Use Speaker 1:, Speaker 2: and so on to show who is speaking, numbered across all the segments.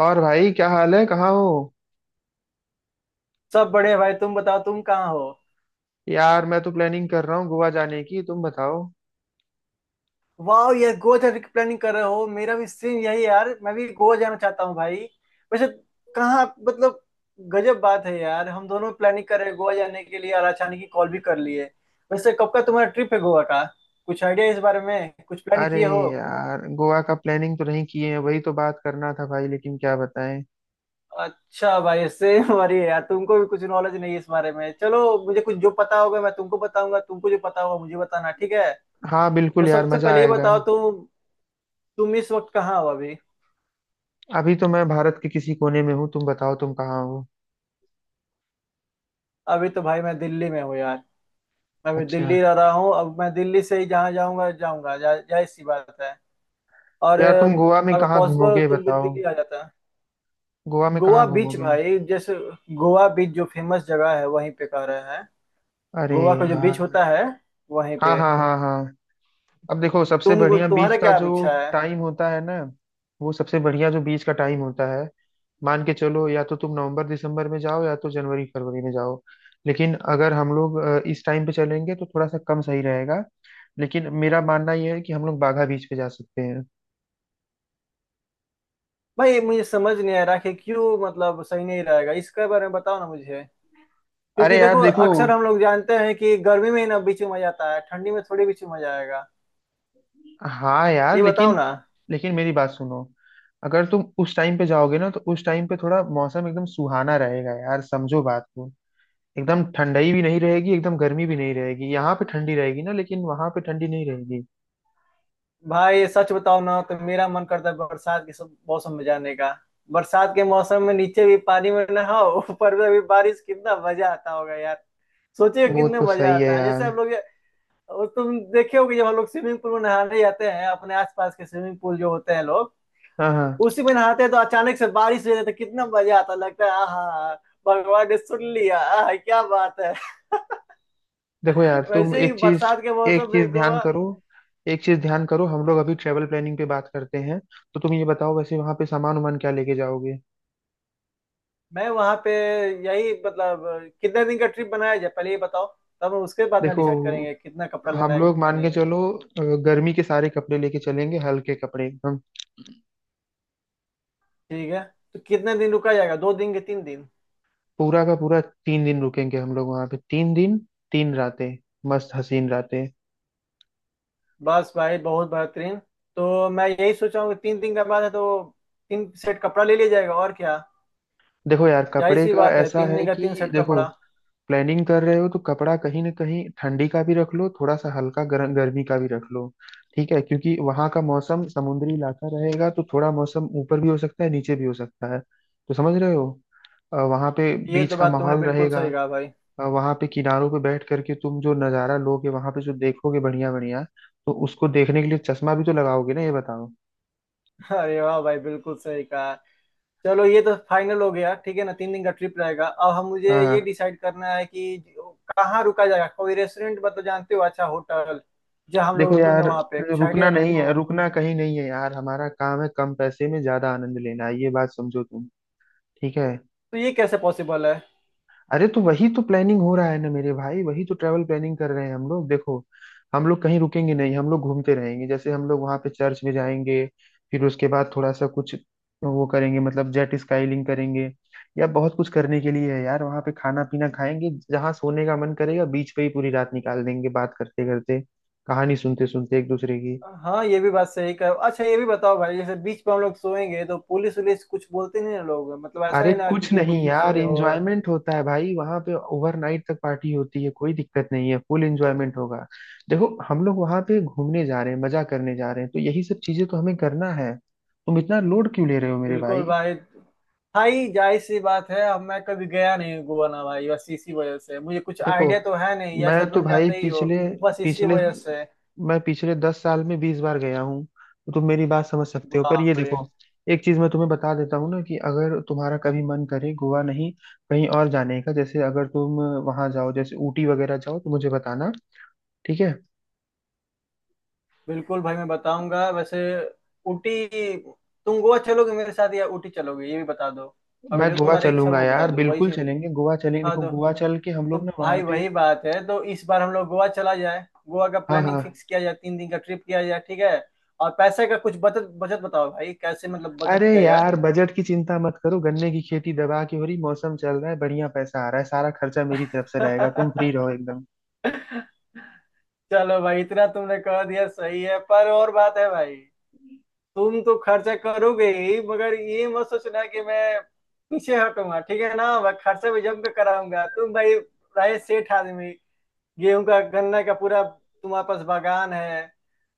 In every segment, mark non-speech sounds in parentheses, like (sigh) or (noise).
Speaker 1: और भाई, क्या हाल है? कहाँ हो?
Speaker 2: सब बड़े भाई, तुम बताओ तुम कहाँ हो।
Speaker 1: यार, मैं तो प्लानिंग कर रहा हूँ गोवा जाने की। तुम बताओ।
Speaker 2: वाह यार, गोवा जाने की प्लानिंग कर रहे हो। मेरा भी सेम यही है यार, मैं भी गोवा जाना चाहता हूँ भाई। वैसे कहाँ मतलब गजब बात है यार, हम दोनों प्लानिंग कर रहे हैं गोवा जाने के लिए और अचानक ही कॉल भी कर लिए। वैसे कब का तुम्हारा ट्रिप है गोवा का? कुछ आइडिया इस बारे में, कुछ प्लान
Speaker 1: अरे
Speaker 2: किए हो?
Speaker 1: यार, गोवा का प्लानिंग तो नहीं किए हैं, वही तो बात करना था भाई, लेकिन क्या बताएं।
Speaker 2: अच्छा भाई, सेम हमारी (laughs) है यार। तुमको भी कुछ नॉलेज नहीं है इस बारे में। चलो, मुझे कुछ जो पता होगा मैं तुमको बताऊंगा, तुमको जो पता होगा मुझे बताना, ठीक है।
Speaker 1: हाँ,
Speaker 2: तो
Speaker 1: बिल्कुल यार,
Speaker 2: सबसे
Speaker 1: मजा
Speaker 2: पहले ये
Speaker 1: आएगा।
Speaker 2: बताओ तुम इस वक्त कहाँ हो अभी।
Speaker 1: अभी तो मैं भारत के किसी कोने में हूँ। तुम बताओ, तुम कहाँ हो?
Speaker 2: अभी तो भाई मैं दिल्ली में हूँ यार। मैं अभी
Speaker 1: अच्छा।
Speaker 2: दिल्ली रह रहा हूँ। अब मैं दिल्ली से ही जहाँ जाऊँगा जाऊँगा जा- जाहिर सी बात है। और
Speaker 1: यार, तुम गोवा में
Speaker 2: अगर
Speaker 1: कहाँ
Speaker 2: पॉसिबल हो तो
Speaker 1: घूमोगे,
Speaker 2: तुम भी
Speaker 1: बताओ।
Speaker 2: दिल्ली आ जाता।
Speaker 1: गोवा में
Speaker 2: गोवा
Speaker 1: कहाँ
Speaker 2: बीच
Speaker 1: घूमोगे?
Speaker 2: भाई, जैसे गोवा बीच जो फेमस जगह है वहीं पे कह रहे हैं।
Speaker 1: अरे
Speaker 2: गोवा का जो बीच
Speaker 1: यार।
Speaker 2: होता है, वहीं
Speaker 1: हाँ,
Speaker 2: पे।
Speaker 1: हाँ, हाँ, हाँ। अब देखो, सबसे
Speaker 2: तुम
Speaker 1: बढ़िया बीच
Speaker 2: तुम्हारा
Speaker 1: का
Speaker 2: क्या
Speaker 1: जो
Speaker 2: अपेक्षा है?
Speaker 1: टाइम होता है ना। वो सबसे बढ़िया जो बीच का टाइम होता है। मान के चलो, या तो तुम नवंबर दिसंबर में जाओ या तो जनवरी फरवरी में जाओ। लेकिन अगर हम लोग इस टाइम पे चलेंगे तो थोड़ा सा कम सही रहेगा। लेकिन मेरा मानना यह है कि हम लोग बाघा बीच पे जा सकते हैं।
Speaker 2: भाई मुझे समझ नहीं आ रहा कि क्यों मतलब सही नहीं रहेगा, इसके बारे में बताओ ना मुझे। क्योंकि
Speaker 1: अरे यार,
Speaker 2: देखो,
Speaker 1: देखो।
Speaker 2: अक्सर हम लोग जानते हैं कि गर्मी में ही ना बीच में मजा आता है, ठंडी में थोड़ी बीच में मजा आएगा।
Speaker 1: हाँ यार,
Speaker 2: ये बताओ
Speaker 1: लेकिन
Speaker 2: ना।
Speaker 1: लेकिन मेरी बात सुनो। अगर तुम उस टाइम पे जाओगे ना तो उस टाइम पे थोड़ा मौसम एकदम सुहाना रहेगा यार, समझो बात को। एकदम ठंडाई भी नहीं रहेगी, एकदम गर्मी भी नहीं रहेगी, यहाँ पे ठंडी रहेगी ना लेकिन वहां पे ठंडी नहीं रहेगी।
Speaker 2: भाई सच बताओ ना, तो मेरा मन करता है बरसात के मौसम में जाने का। बरसात के मौसम में नीचे भी पानी में नहाओ, ऊपर में भी बारिश, कितना मजा आता होगा यार। सोचिए
Speaker 1: वो
Speaker 2: कितना
Speaker 1: तो
Speaker 2: मजा
Speaker 1: सही है
Speaker 2: आता है जैसे
Speaker 1: यार।
Speaker 2: हम लोग। और तुम देखे होगे, जब हम लोग स्विमिंग पूल में नहाने जाते हैं अपने आसपास के, स्विमिंग पूल जो होते हैं लोग
Speaker 1: हाँ, हाँ।
Speaker 2: उसी में नहाते हैं, तो अचानक से बारिश हो जाती है, कितना मजा आता है, लगता है आहा, भगवान ने सुन लिया, आहा क्या बात है। (laughs)
Speaker 1: देखो यार, तुम
Speaker 2: वैसे ही
Speaker 1: एक चीज,
Speaker 2: बरसात के
Speaker 1: एक
Speaker 2: मौसम
Speaker 1: चीज
Speaker 2: में
Speaker 1: ध्यान
Speaker 2: गोवा।
Speaker 1: करो, एक चीज ध्यान करो, हम लोग अभी ट्रेवल प्लानिंग पे बात करते हैं। तो तुम ये बताओ, वैसे वहां पे सामान उमान क्या लेके जाओगे?
Speaker 2: मैं वहां पे यही मतलब कितने दिन का ट्रिप बनाया जाए, पहले ये बताओ। तब हम उसके बाद ना
Speaker 1: देखो,
Speaker 2: डिसाइड करेंगे कितना कपड़ा लेना
Speaker 1: हम
Speaker 2: है
Speaker 1: लोग
Speaker 2: कितना
Speaker 1: मान के
Speaker 2: नहीं।
Speaker 1: चलो गर्मी के सारे कपड़े लेके चलेंगे, हल्के कपड़े एकदम।
Speaker 2: ठीक है। तो कितने दिन रुका जाएगा, दो दिन के तीन दिन?
Speaker 1: पूरा का पूरा 3 दिन रुकेंगे हम लोग वहां पे, 3 दिन। 3 रातें, मस्त हसीन रातें।
Speaker 2: बस भाई, बहुत बेहतरीन। तो मैं यही सोच रहा हूँ कि तीन दिन का बाद है, तो तीन सेट कपड़ा ले लिया जाएगा और क्या।
Speaker 1: देखो यार,
Speaker 2: जाहिर
Speaker 1: कपड़े
Speaker 2: सी
Speaker 1: का
Speaker 2: बात है,
Speaker 1: ऐसा
Speaker 2: तीन
Speaker 1: है
Speaker 2: दिन का तीन
Speaker 1: कि
Speaker 2: सेट
Speaker 1: देखो,
Speaker 2: कपड़ा।
Speaker 1: प्लानिंग कर रहे हो तो कपड़ा कहीं ना कहीं ठंडी का भी रख लो, थोड़ा सा हल्का गर्मी का भी रख लो। ठीक है, क्योंकि वहां का मौसम समुद्री इलाका रहेगा तो थोड़ा मौसम ऊपर भी हो सकता है नीचे भी हो सकता है। तो समझ रहे हो। वहां पे
Speaker 2: ये
Speaker 1: बीच
Speaker 2: तो
Speaker 1: का
Speaker 2: बात तुमने
Speaker 1: माहौल
Speaker 2: बिल्कुल
Speaker 1: रहेगा।
Speaker 2: सही कहा भाई।
Speaker 1: वहां पे किनारों पे बैठ करके तुम जो नज़ारा लोगे वहां पे जो देखोगे, बढ़िया बढ़िया। तो उसको देखने के लिए चश्मा भी तो लगाओगे ना, ये बताओ।
Speaker 2: (laughs) अरे वाह भाई, बिल्कुल सही कहा। चलो, ये तो फाइनल हो गया, ठीक है ना। तीन दिन का ट्रिप रहेगा। अब हम, मुझे ये
Speaker 1: हाँ।
Speaker 2: डिसाइड करना है कि कहाँ रुका जाएगा। कोई रेस्टोरेंट में, तो जानते हो अच्छा होटल जहाँ हम लोग
Speaker 1: देखो
Speaker 2: रुकेंगे,
Speaker 1: यार,
Speaker 2: वहाँ पे कुछ आइडिया
Speaker 1: रुकना
Speaker 2: है
Speaker 1: नहीं
Speaker 2: तुमको?
Speaker 1: है, रुकना कहीं नहीं है यार, हमारा काम है कम पैसे में ज्यादा आनंद लेना, ये बात समझो तुम। ठीक है।
Speaker 2: तो ये कैसे पॉसिबल है?
Speaker 1: अरे तो वही तो प्लानिंग हो रहा है ना मेरे भाई, वही तो ट्रैवल प्लानिंग कर रहे हैं हम लोग, देखो। हम लोग कहीं रुकेंगे नहीं, हम लोग घूमते रहेंगे। जैसे हम लोग वहां पे चर्च में जाएंगे, फिर उसके बाद थोड़ा सा कुछ वो करेंगे, मतलब जेट स्काईलिंग करेंगे या बहुत कुछ करने के लिए है यार वहां पे। खाना पीना खाएंगे, जहाँ सोने का मन करेगा बीच पे ही पूरी रात निकाल देंगे बात करते करते, कहानी सुनते सुनते एक दूसरे की।
Speaker 2: हाँ ये भी बात सही कर। अच्छा ये भी बताओ भाई, जैसे बीच पे हम लोग सोएंगे तो पुलिस वुलिस कुछ बोलते नहीं ना लोग, मतलब ऐसा
Speaker 1: अरे
Speaker 2: नहीं ना कि,
Speaker 1: कुछ
Speaker 2: कि
Speaker 1: नहीं
Speaker 2: बीच पे
Speaker 1: यार,
Speaker 2: सोए हो।
Speaker 1: एंजॉयमेंट होता है भाई, वहां पे ओवरनाइट तक पार्टी होती है, कोई दिक्कत नहीं है, फुल एंजॉयमेंट होगा। देखो, हम लोग वहां पे घूमने जा रहे हैं, मजा करने जा रहे हैं, तो यही सब चीजें तो हमें करना है, तुम इतना लोड क्यों ले रहे हो मेरे
Speaker 2: बिल्कुल
Speaker 1: भाई।
Speaker 2: भाई। भाई जाहिर सी बात है, अब मैं कभी गया नहीं हूँ गोवा ना भाई, बस इसी वजह से मुझे कुछ
Speaker 1: देखो,
Speaker 2: आइडिया तो है नहीं, जैसा
Speaker 1: मैं तो
Speaker 2: तुम
Speaker 1: भाई
Speaker 2: जानते ही हो।
Speaker 1: पिछले
Speaker 2: बस इसी
Speaker 1: पिछले
Speaker 2: वजह से।
Speaker 1: मैं पिछले 10 साल में 20 बार गया हूँ। तो तुम मेरी बात समझ सकते हो, पर
Speaker 2: बाप
Speaker 1: ये
Speaker 2: रे।
Speaker 1: देखो, एक चीज मैं तुम्हें बता देता हूँ ना, कि अगर तुम्हारा कभी मन करे गोवा नहीं, कहीं और जाने का, जैसे अगर तुम वहां जाओ जैसे ऊटी वगैरह जाओ तो मुझे बताना, ठीक है।
Speaker 2: बिल्कुल भाई, मैं बताऊंगा। वैसे ऊटी, तुम गोवा चलोगे मेरे साथ या ऊटी चलोगे, ये भी बता दो। अगर
Speaker 1: मैं
Speaker 2: जो
Speaker 1: गोवा
Speaker 2: तुम्हारी इच्छा
Speaker 1: चलूंगा
Speaker 2: वो बता
Speaker 1: यार,
Speaker 2: दो वही
Speaker 1: बिल्कुल
Speaker 2: से।
Speaker 1: चलेंगे, गोवा चलेंगे,
Speaker 2: हाँ
Speaker 1: देखो
Speaker 2: तो
Speaker 1: गोवा चल के हम
Speaker 2: तो
Speaker 1: लोग ना वहाँ
Speaker 2: भाई
Speaker 1: पे।
Speaker 2: वही बात है। तो इस बार हम लोग गोवा चला जाए, गोवा का
Speaker 1: हाँ,
Speaker 2: प्लानिंग
Speaker 1: हाँ।
Speaker 2: फिक्स किया जाए, तीन दिन का ट्रिप किया जाए, ठीक है। और पैसे का कुछ बचत बचत बताओ भाई, कैसे मतलब बचत
Speaker 1: अरे
Speaker 2: किया जाए।
Speaker 1: यार, बजट की चिंता मत करो, गन्ने की खेती दबा के हो रही, मौसम चल रहा है, बढ़िया पैसा आ रहा है, सारा खर्चा मेरी तरफ से रहेगा, तुम फ्री
Speaker 2: (laughs)
Speaker 1: रहो एकदम।
Speaker 2: चलो भाई, इतना तुमने कह दिया सही है, पर और बात है भाई। तुम तो खर्चा करोगे ही, मगर ये मत सोचना कि मैं पीछे हटूंगा, ठीक है ना। मैं खर्चा भी जम के कराऊंगा तुम भाई। राय सेठ आदमी। गेहूं का गन्ने का पूरा तुम्हारे पास बागान है।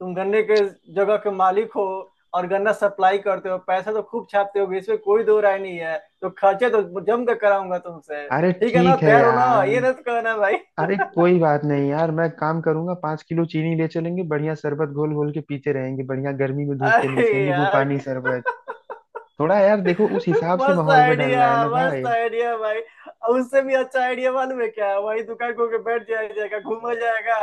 Speaker 2: तुम गन्ने के जगह के मालिक हो और गन्ना सप्लाई करते हो, पैसा तो खूब छापते हो, इसमें कोई दो राय नहीं है। तो खर्चे तो जम कर कराऊंगा तुमसे,
Speaker 1: अरे
Speaker 2: ठीक है ना।
Speaker 1: ठीक है
Speaker 2: तैयार हो ना,
Speaker 1: यार।
Speaker 2: ये नहीं तो कहना भाई।
Speaker 1: अरे कोई बात नहीं यार, मैं काम करूंगा, 5 किलो चीनी ले चलेंगे, बढ़िया शरबत घोल घोल के पीते रहेंगे, बढ़िया गर्मी में धूप के नीचे
Speaker 2: अरे
Speaker 1: नींबू
Speaker 2: यार,
Speaker 1: पानी शरबत। थोड़ा यार देखो, उस हिसाब से
Speaker 2: मस्त
Speaker 1: माहौल में
Speaker 2: आइडिया।
Speaker 1: ढलना है ना
Speaker 2: मस्त
Speaker 1: भाई।
Speaker 2: आइडिया भाई। और उससे भी अच्छा आइडिया मालूम है क्या, वही दुकान खोल के बैठ जाया जाएगा, घूमा जाएगा।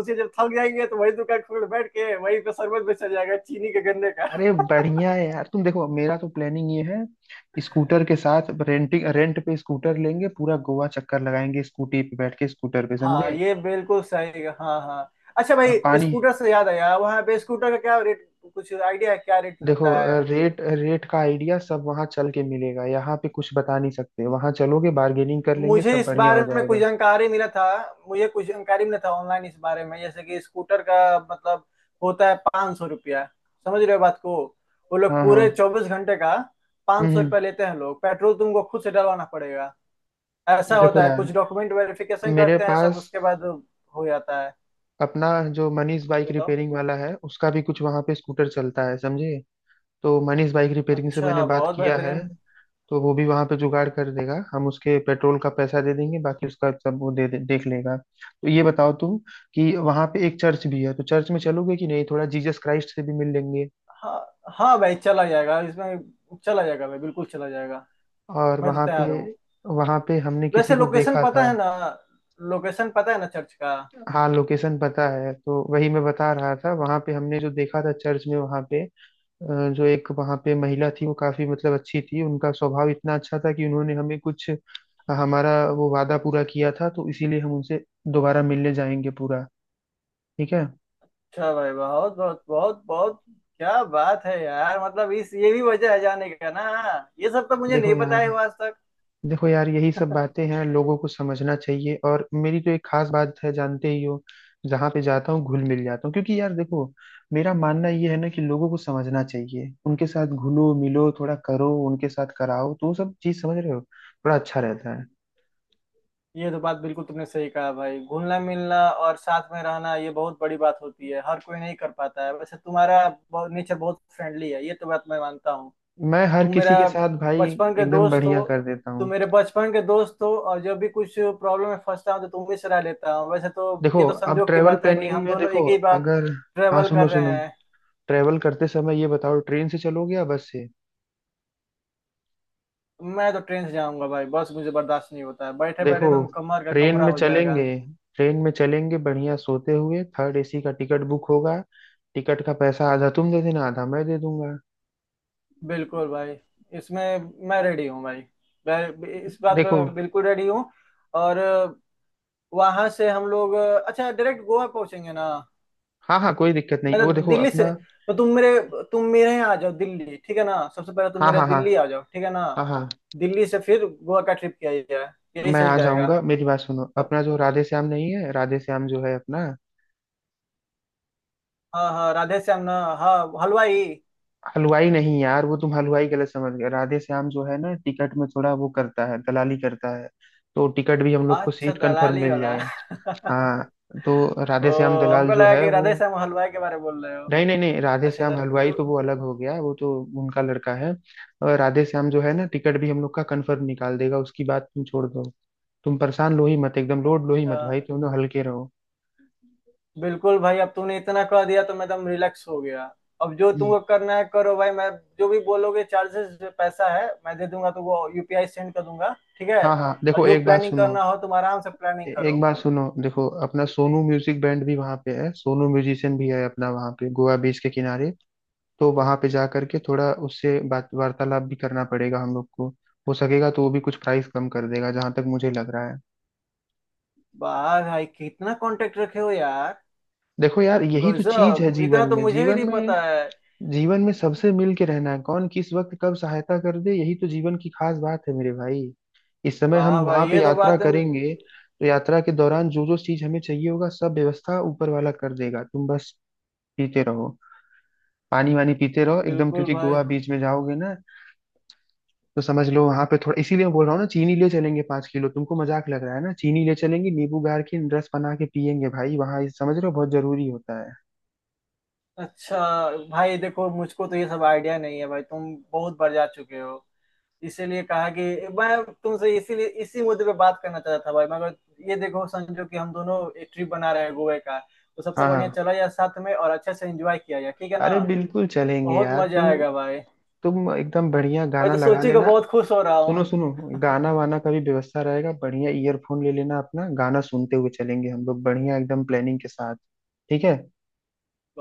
Speaker 2: उसे जब थक जाएंगे तो वही दुकान खोल के बैठ के वही पे शरबत बेचा जाएगा चीनी के गन्ने का।
Speaker 1: अरे बढ़िया है यार, तुम देखो मेरा तो प्लानिंग ये है, स्कूटर के साथ रेंट पे स्कूटर लेंगे, पूरा गोवा चक्कर लगाएंगे, स्कूटी पे बैठ के स्कूटर पे,
Speaker 2: हाँ
Speaker 1: समझे।
Speaker 2: ये बिल्कुल सही है, हाँ हाँ। अच्छा
Speaker 1: और
Speaker 2: भाई,
Speaker 1: पानी।
Speaker 2: स्कूटर से याद आया, वहाँ पे स्कूटर का क्या रेट? कुछ आइडिया है क्या, रेट
Speaker 1: देखो,
Speaker 2: लगता है?
Speaker 1: रेट रेट का आइडिया सब वहां चल के मिलेगा, यहाँ पे कुछ बता नहीं सकते, वहां चलोगे बार्गेनिंग कर लेंगे,
Speaker 2: मुझे
Speaker 1: सब
Speaker 2: इस
Speaker 1: बढ़िया
Speaker 2: बारे
Speaker 1: हो
Speaker 2: में कुछ
Speaker 1: जाएगा।
Speaker 2: जानकारी मिला था। मुझे कुछ जानकारी मिला था ऑनलाइन इस बारे में, जैसे कि स्कूटर का मतलब होता है 500 रुपया। समझ रहे हो बात को। वो लोग
Speaker 1: हाँ, हाँ।
Speaker 2: पूरे 24 घंटे का पाँच
Speaker 1: हम्म
Speaker 2: सौ
Speaker 1: हम्म।
Speaker 2: रुपया लेते हैं लोग, पेट्रोल तुमको खुद से डलवाना पड़ेगा। ऐसा
Speaker 1: देखो
Speaker 2: होता है,
Speaker 1: यार,
Speaker 2: कुछ डॉक्यूमेंट वेरिफिकेशन
Speaker 1: मेरे
Speaker 2: करते हैं सब,
Speaker 1: पास
Speaker 2: उसके बाद हो जाता है।
Speaker 1: अपना जो मनीष
Speaker 2: और
Speaker 1: बाइक
Speaker 2: बताओ।
Speaker 1: रिपेयरिंग वाला है, उसका भी कुछ वहां पे स्कूटर चलता है, समझे। तो मनीष बाइक रिपेयरिंग से मैंने
Speaker 2: अच्छा
Speaker 1: बात
Speaker 2: बहुत
Speaker 1: किया है,
Speaker 2: बेहतरीन।
Speaker 1: तो वो भी वहां पे जुगाड़ कर देगा, हम उसके पेट्रोल का पैसा दे देंगे, बाकी उसका सब वो दे देख लेगा। तो ये बताओ तुम कि वहां पे एक चर्च भी है, तो चर्च में चलोगे कि नहीं, थोड़ा जीसस क्राइस्ट से भी मिल लेंगे।
Speaker 2: हाँ हाँ भाई चला जाएगा, इसमें चला जाएगा भाई, बिल्कुल चला जाएगा।
Speaker 1: और
Speaker 2: मैं तो
Speaker 1: वहां पे,
Speaker 2: तैयार हूँ।
Speaker 1: वहां पे हमने
Speaker 2: वैसे
Speaker 1: किसी को
Speaker 2: लोकेशन
Speaker 1: देखा
Speaker 2: पता
Speaker 1: था।
Speaker 2: है ना, लोकेशन पता है ना चर्च का?
Speaker 1: हाँ, लोकेशन पता है। तो वही मैं बता रहा था, वहां पे हमने जो देखा था चर्च में वहां पे, जो एक वहां पे महिला थी वो काफी मतलब अच्छी थी, उनका स्वभाव इतना अच्छा था कि उन्होंने हमें कुछ, हमारा वो वादा पूरा किया था, तो इसीलिए हम उनसे दोबारा मिलने जाएंगे पूरा। ठीक है।
Speaker 2: अच्छा भाई, बहुत बहुत बहुत बहुत क्या बात है यार, मतलब इस ये भी वजह है जाने का ना। ये सब तो मुझे
Speaker 1: देखो
Speaker 2: नहीं पता
Speaker 1: यार
Speaker 2: है आज तक।
Speaker 1: देखो यार, यही सब बातें हैं, लोगों को समझना चाहिए, और मेरी तो एक खास बात है जानते ही हो, जहाँ पे जाता हूँ घुल मिल जाता हूँ, क्योंकि यार देखो, मेरा मानना ये है ना कि लोगों को समझना चाहिए, उनके साथ घुलो मिलो थोड़ा करो, उनके साथ कराओ, तो वो सब चीज समझ रहे हो, थोड़ा अच्छा रहता है।
Speaker 2: ये तो बात बिल्कुल तुमने सही कहा भाई। घुलना मिलना और साथ में रहना ये बहुत बड़ी बात होती है, हर कोई नहीं कर पाता है। वैसे तुम्हारा नेचर बहुत फ्रेंडली है, ये तो बात मैं मानता हूँ।
Speaker 1: मैं हर
Speaker 2: तुम
Speaker 1: किसी
Speaker 2: मेरा
Speaker 1: के साथ भाई
Speaker 2: बचपन के
Speaker 1: एकदम
Speaker 2: दोस्त हो।
Speaker 1: बढ़िया कर देता
Speaker 2: तुम
Speaker 1: हूँ।
Speaker 2: मेरे बचपन के दोस्त हो और जब भी कुछ प्रॉब्लम में फंसता हूँ तो तुम ही सलाह लेता हूँ वैसे तो।
Speaker 1: देखो,
Speaker 2: ये तो
Speaker 1: अब
Speaker 2: संजोग की
Speaker 1: ट्रेवल
Speaker 2: बात है कि
Speaker 1: प्लानिंग
Speaker 2: हम
Speaker 1: में
Speaker 2: दोनों
Speaker 1: देखो,
Speaker 2: एक ही बात
Speaker 1: अगर। हाँ,
Speaker 2: ट्रेवल
Speaker 1: सुनो
Speaker 2: कर रहे
Speaker 1: सुनो,
Speaker 2: हैं।
Speaker 1: ट्रेवल करते समय ये बताओ ट्रेन से चलोगे या बस से?
Speaker 2: मैं तो ट्रेन से जाऊंगा भाई, बस मुझे बर्दाश्त नहीं होता है, बैठे बैठे
Speaker 1: देखो,
Speaker 2: एकदम कमर का
Speaker 1: ट्रेन
Speaker 2: कमरा
Speaker 1: में
Speaker 2: हो जाएगा।
Speaker 1: चलेंगे, ट्रेन में चलेंगे, बढ़िया सोते हुए थर्ड एसी का टिकट बुक होगा, टिकट का पैसा आधा तुम दे देना, आधा मैं दे दूंगा।
Speaker 2: बिल्कुल भाई, इसमें मैं रेडी हूँ भाई। मैं इस बात
Speaker 1: देखो।
Speaker 2: पे बिल्कुल रेडी हूँ। और वहां से हम लोग अच्छा डायरेक्ट गोवा पहुंचेंगे ना?
Speaker 1: हाँ, हाँ, कोई दिक्कत नहीं,
Speaker 2: मैं तो
Speaker 1: वो देखो
Speaker 2: दिल्ली से,
Speaker 1: अपना।
Speaker 2: तो तुम मेरे, तुम मेरे यहाँ आ जाओ दिल्ली, ठीक है ना। सबसे पहले तुम
Speaker 1: हाँ,
Speaker 2: मेरे
Speaker 1: हाँ, हाँ,
Speaker 2: दिल्ली आ जाओ, ठीक है ना।
Speaker 1: हाँ, हाँ।
Speaker 2: दिल्ली से फिर गोवा का ट्रिप किया जाए, यही
Speaker 1: मैं
Speaker 2: सही
Speaker 1: आ
Speaker 2: रहेगा।
Speaker 1: जाऊंगा, मेरी बात सुनो,
Speaker 2: अब
Speaker 1: अपना जो राधे श्याम नहीं है, राधे श्याम जो है अपना,
Speaker 2: हाँ हाँ राधे श्याम ना। हाँ हलवाई।
Speaker 1: हलवाई नहीं यार, वो तुम हलवाई गलत समझ गए, राधे श्याम जो है ना टिकट में थोड़ा वो करता है, दलाली करता है, तो टिकट भी हम लोग को
Speaker 2: अच्छा
Speaker 1: सीट कंफर्म
Speaker 2: दलाली
Speaker 1: मिल
Speaker 2: वाला।
Speaker 1: जाएगा।
Speaker 2: (laughs)
Speaker 1: हाँ। तो
Speaker 2: ओ,
Speaker 1: राधे श्याम दलाल
Speaker 2: हमको
Speaker 1: जो
Speaker 2: लगा
Speaker 1: है
Speaker 2: कि
Speaker 1: वो,
Speaker 2: राधे श्याम हलवाई के बारे में बोल रहे हो।
Speaker 1: नहीं नहीं नहीं, राधे
Speaker 2: अच्छा अच्छा।
Speaker 1: श्याम हलवाई
Speaker 2: तो
Speaker 1: तो वो अलग हो गया, वो तो उनका लड़का है। और राधे श्याम जो है ना टिकट भी हम लोग का कंफर्म निकाल देगा, उसकी बात तुम छोड़ दो, तुम परेशान लो ही मत, एकदम लोड लो ही
Speaker 2: अच्छा
Speaker 1: मत भाई, तुम लोग हल्के रहो।
Speaker 2: बिल्कुल भाई, अब तूने इतना कह दिया तो मैं एकदम रिलैक्स हो गया। अब जो
Speaker 1: हम्म,
Speaker 2: तुमको करना है करो भाई। मैं जो भी बोलोगे चार्जेस पैसा है मैं दे दूंगा, तो वो यूपीआई सेंड कर दूंगा, ठीक है।
Speaker 1: हाँ हाँ,
Speaker 2: और
Speaker 1: देखो
Speaker 2: जो
Speaker 1: एक बात
Speaker 2: प्लानिंग
Speaker 1: सुनो।
Speaker 2: करना हो तुम आराम से प्लानिंग
Speaker 1: एक
Speaker 2: करो।
Speaker 1: बात सुनो, देखो अपना सोनू म्यूजिक बैंड भी वहाँ पे है, सोनू म्यूजिशियन भी है अपना वहाँ पे गोवा बीच के किनारे, तो वहाँ पे जा करके थोड़ा उससे बात वार्तालाप भी करना पड़ेगा हम लोग को। हो सकेगा तो वो भी कुछ प्राइस कम कर देगा, जहाँ तक मुझे लग रहा है।
Speaker 2: वाह भाई, कितना कांटेक्ट रखे हो यार।
Speaker 1: देखो यार, यही तो चीज है
Speaker 2: गजब, इतना
Speaker 1: जीवन
Speaker 2: तो
Speaker 1: में,
Speaker 2: मुझे भी
Speaker 1: जीवन
Speaker 2: नहीं
Speaker 1: में,
Speaker 2: पता है।
Speaker 1: जीवन में सबसे मिल के रहना है, कौन किस वक्त कब सहायता कर दे, यही तो जीवन की खास बात है मेरे भाई। इस समय हम
Speaker 2: वाह
Speaker 1: वहां
Speaker 2: भाई,
Speaker 1: पे
Speaker 2: ये तो
Speaker 1: यात्रा
Speaker 2: बात है।
Speaker 1: करेंगे, तो यात्रा के दौरान जो जो चीज हमें चाहिए होगा सब व्यवस्था ऊपर वाला कर देगा, तुम बस पीते रहो, पानी वानी पीते रहो एकदम,
Speaker 2: बिल्कुल
Speaker 1: क्योंकि
Speaker 2: भाई।
Speaker 1: गोवा बीच में जाओगे ना, तो समझ लो वहां पे थोड़ा, इसीलिए मैं बोल रहा हूँ ना चीनी ले चलेंगे 5 किलो, तुमको मजाक लग रहा है ना, चीनी ले चलेंगे नींबू गार की रस बना के पियेंगे भाई वहां, समझ रहे हो, बहुत जरूरी होता है।
Speaker 2: अच्छा भाई देखो, मुझको तो ये सब आइडिया नहीं है भाई, तुम बहुत बढ़ जा चुके हो। इसीलिए कहा कि मैं तुमसे इसीलिए इसी मुद्दे पे बात करना चाहता था भाई। मगर ये देखो, संजो कि हम दोनों एक ट्रिप बना रहे हैं गोवा का। तो सबसे
Speaker 1: हाँ,
Speaker 2: बढ़िया
Speaker 1: हाँ।
Speaker 2: चला जाए साथ में और अच्छे से एंजॉय किया जाए, ठीक है ना।
Speaker 1: अरे बिल्कुल चलेंगे
Speaker 2: बहुत
Speaker 1: यार
Speaker 2: मजा
Speaker 1: तुम
Speaker 2: आएगा भाई।
Speaker 1: तुम एकदम बढ़िया
Speaker 2: मैं
Speaker 1: गाना
Speaker 2: तो
Speaker 1: लगा
Speaker 2: सोची को
Speaker 1: लेना,
Speaker 2: बहुत खुश हो रहा हूँ।
Speaker 1: सुनो सुनो, गाना वाना का भी व्यवस्था रहेगा, बढ़िया ईयरफोन ले लेना अपना गाना सुनते हुए चलेंगे हम लोग बढ़िया एकदम प्लानिंग के साथ, ठीक है।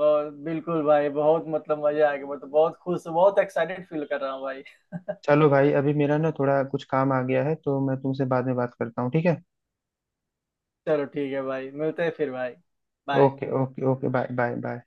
Speaker 2: और बिल्कुल भाई बहुत मतलब मजा आएगा, मैं तो बहुत खुश, बहुत एक्साइटेड फील कर रहा हूँ भाई।
Speaker 1: चलो भाई, अभी मेरा ना थोड़ा कुछ काम आ गया है, तो मैं तुमसे बाद में बात करता हूँ, ठीक है।
Speaker 2: चलो ठीक है भाई, मिलते हैं फिर भाई। Bye.
Speaker 1: Okay, okay, okay, bye, bye, bye.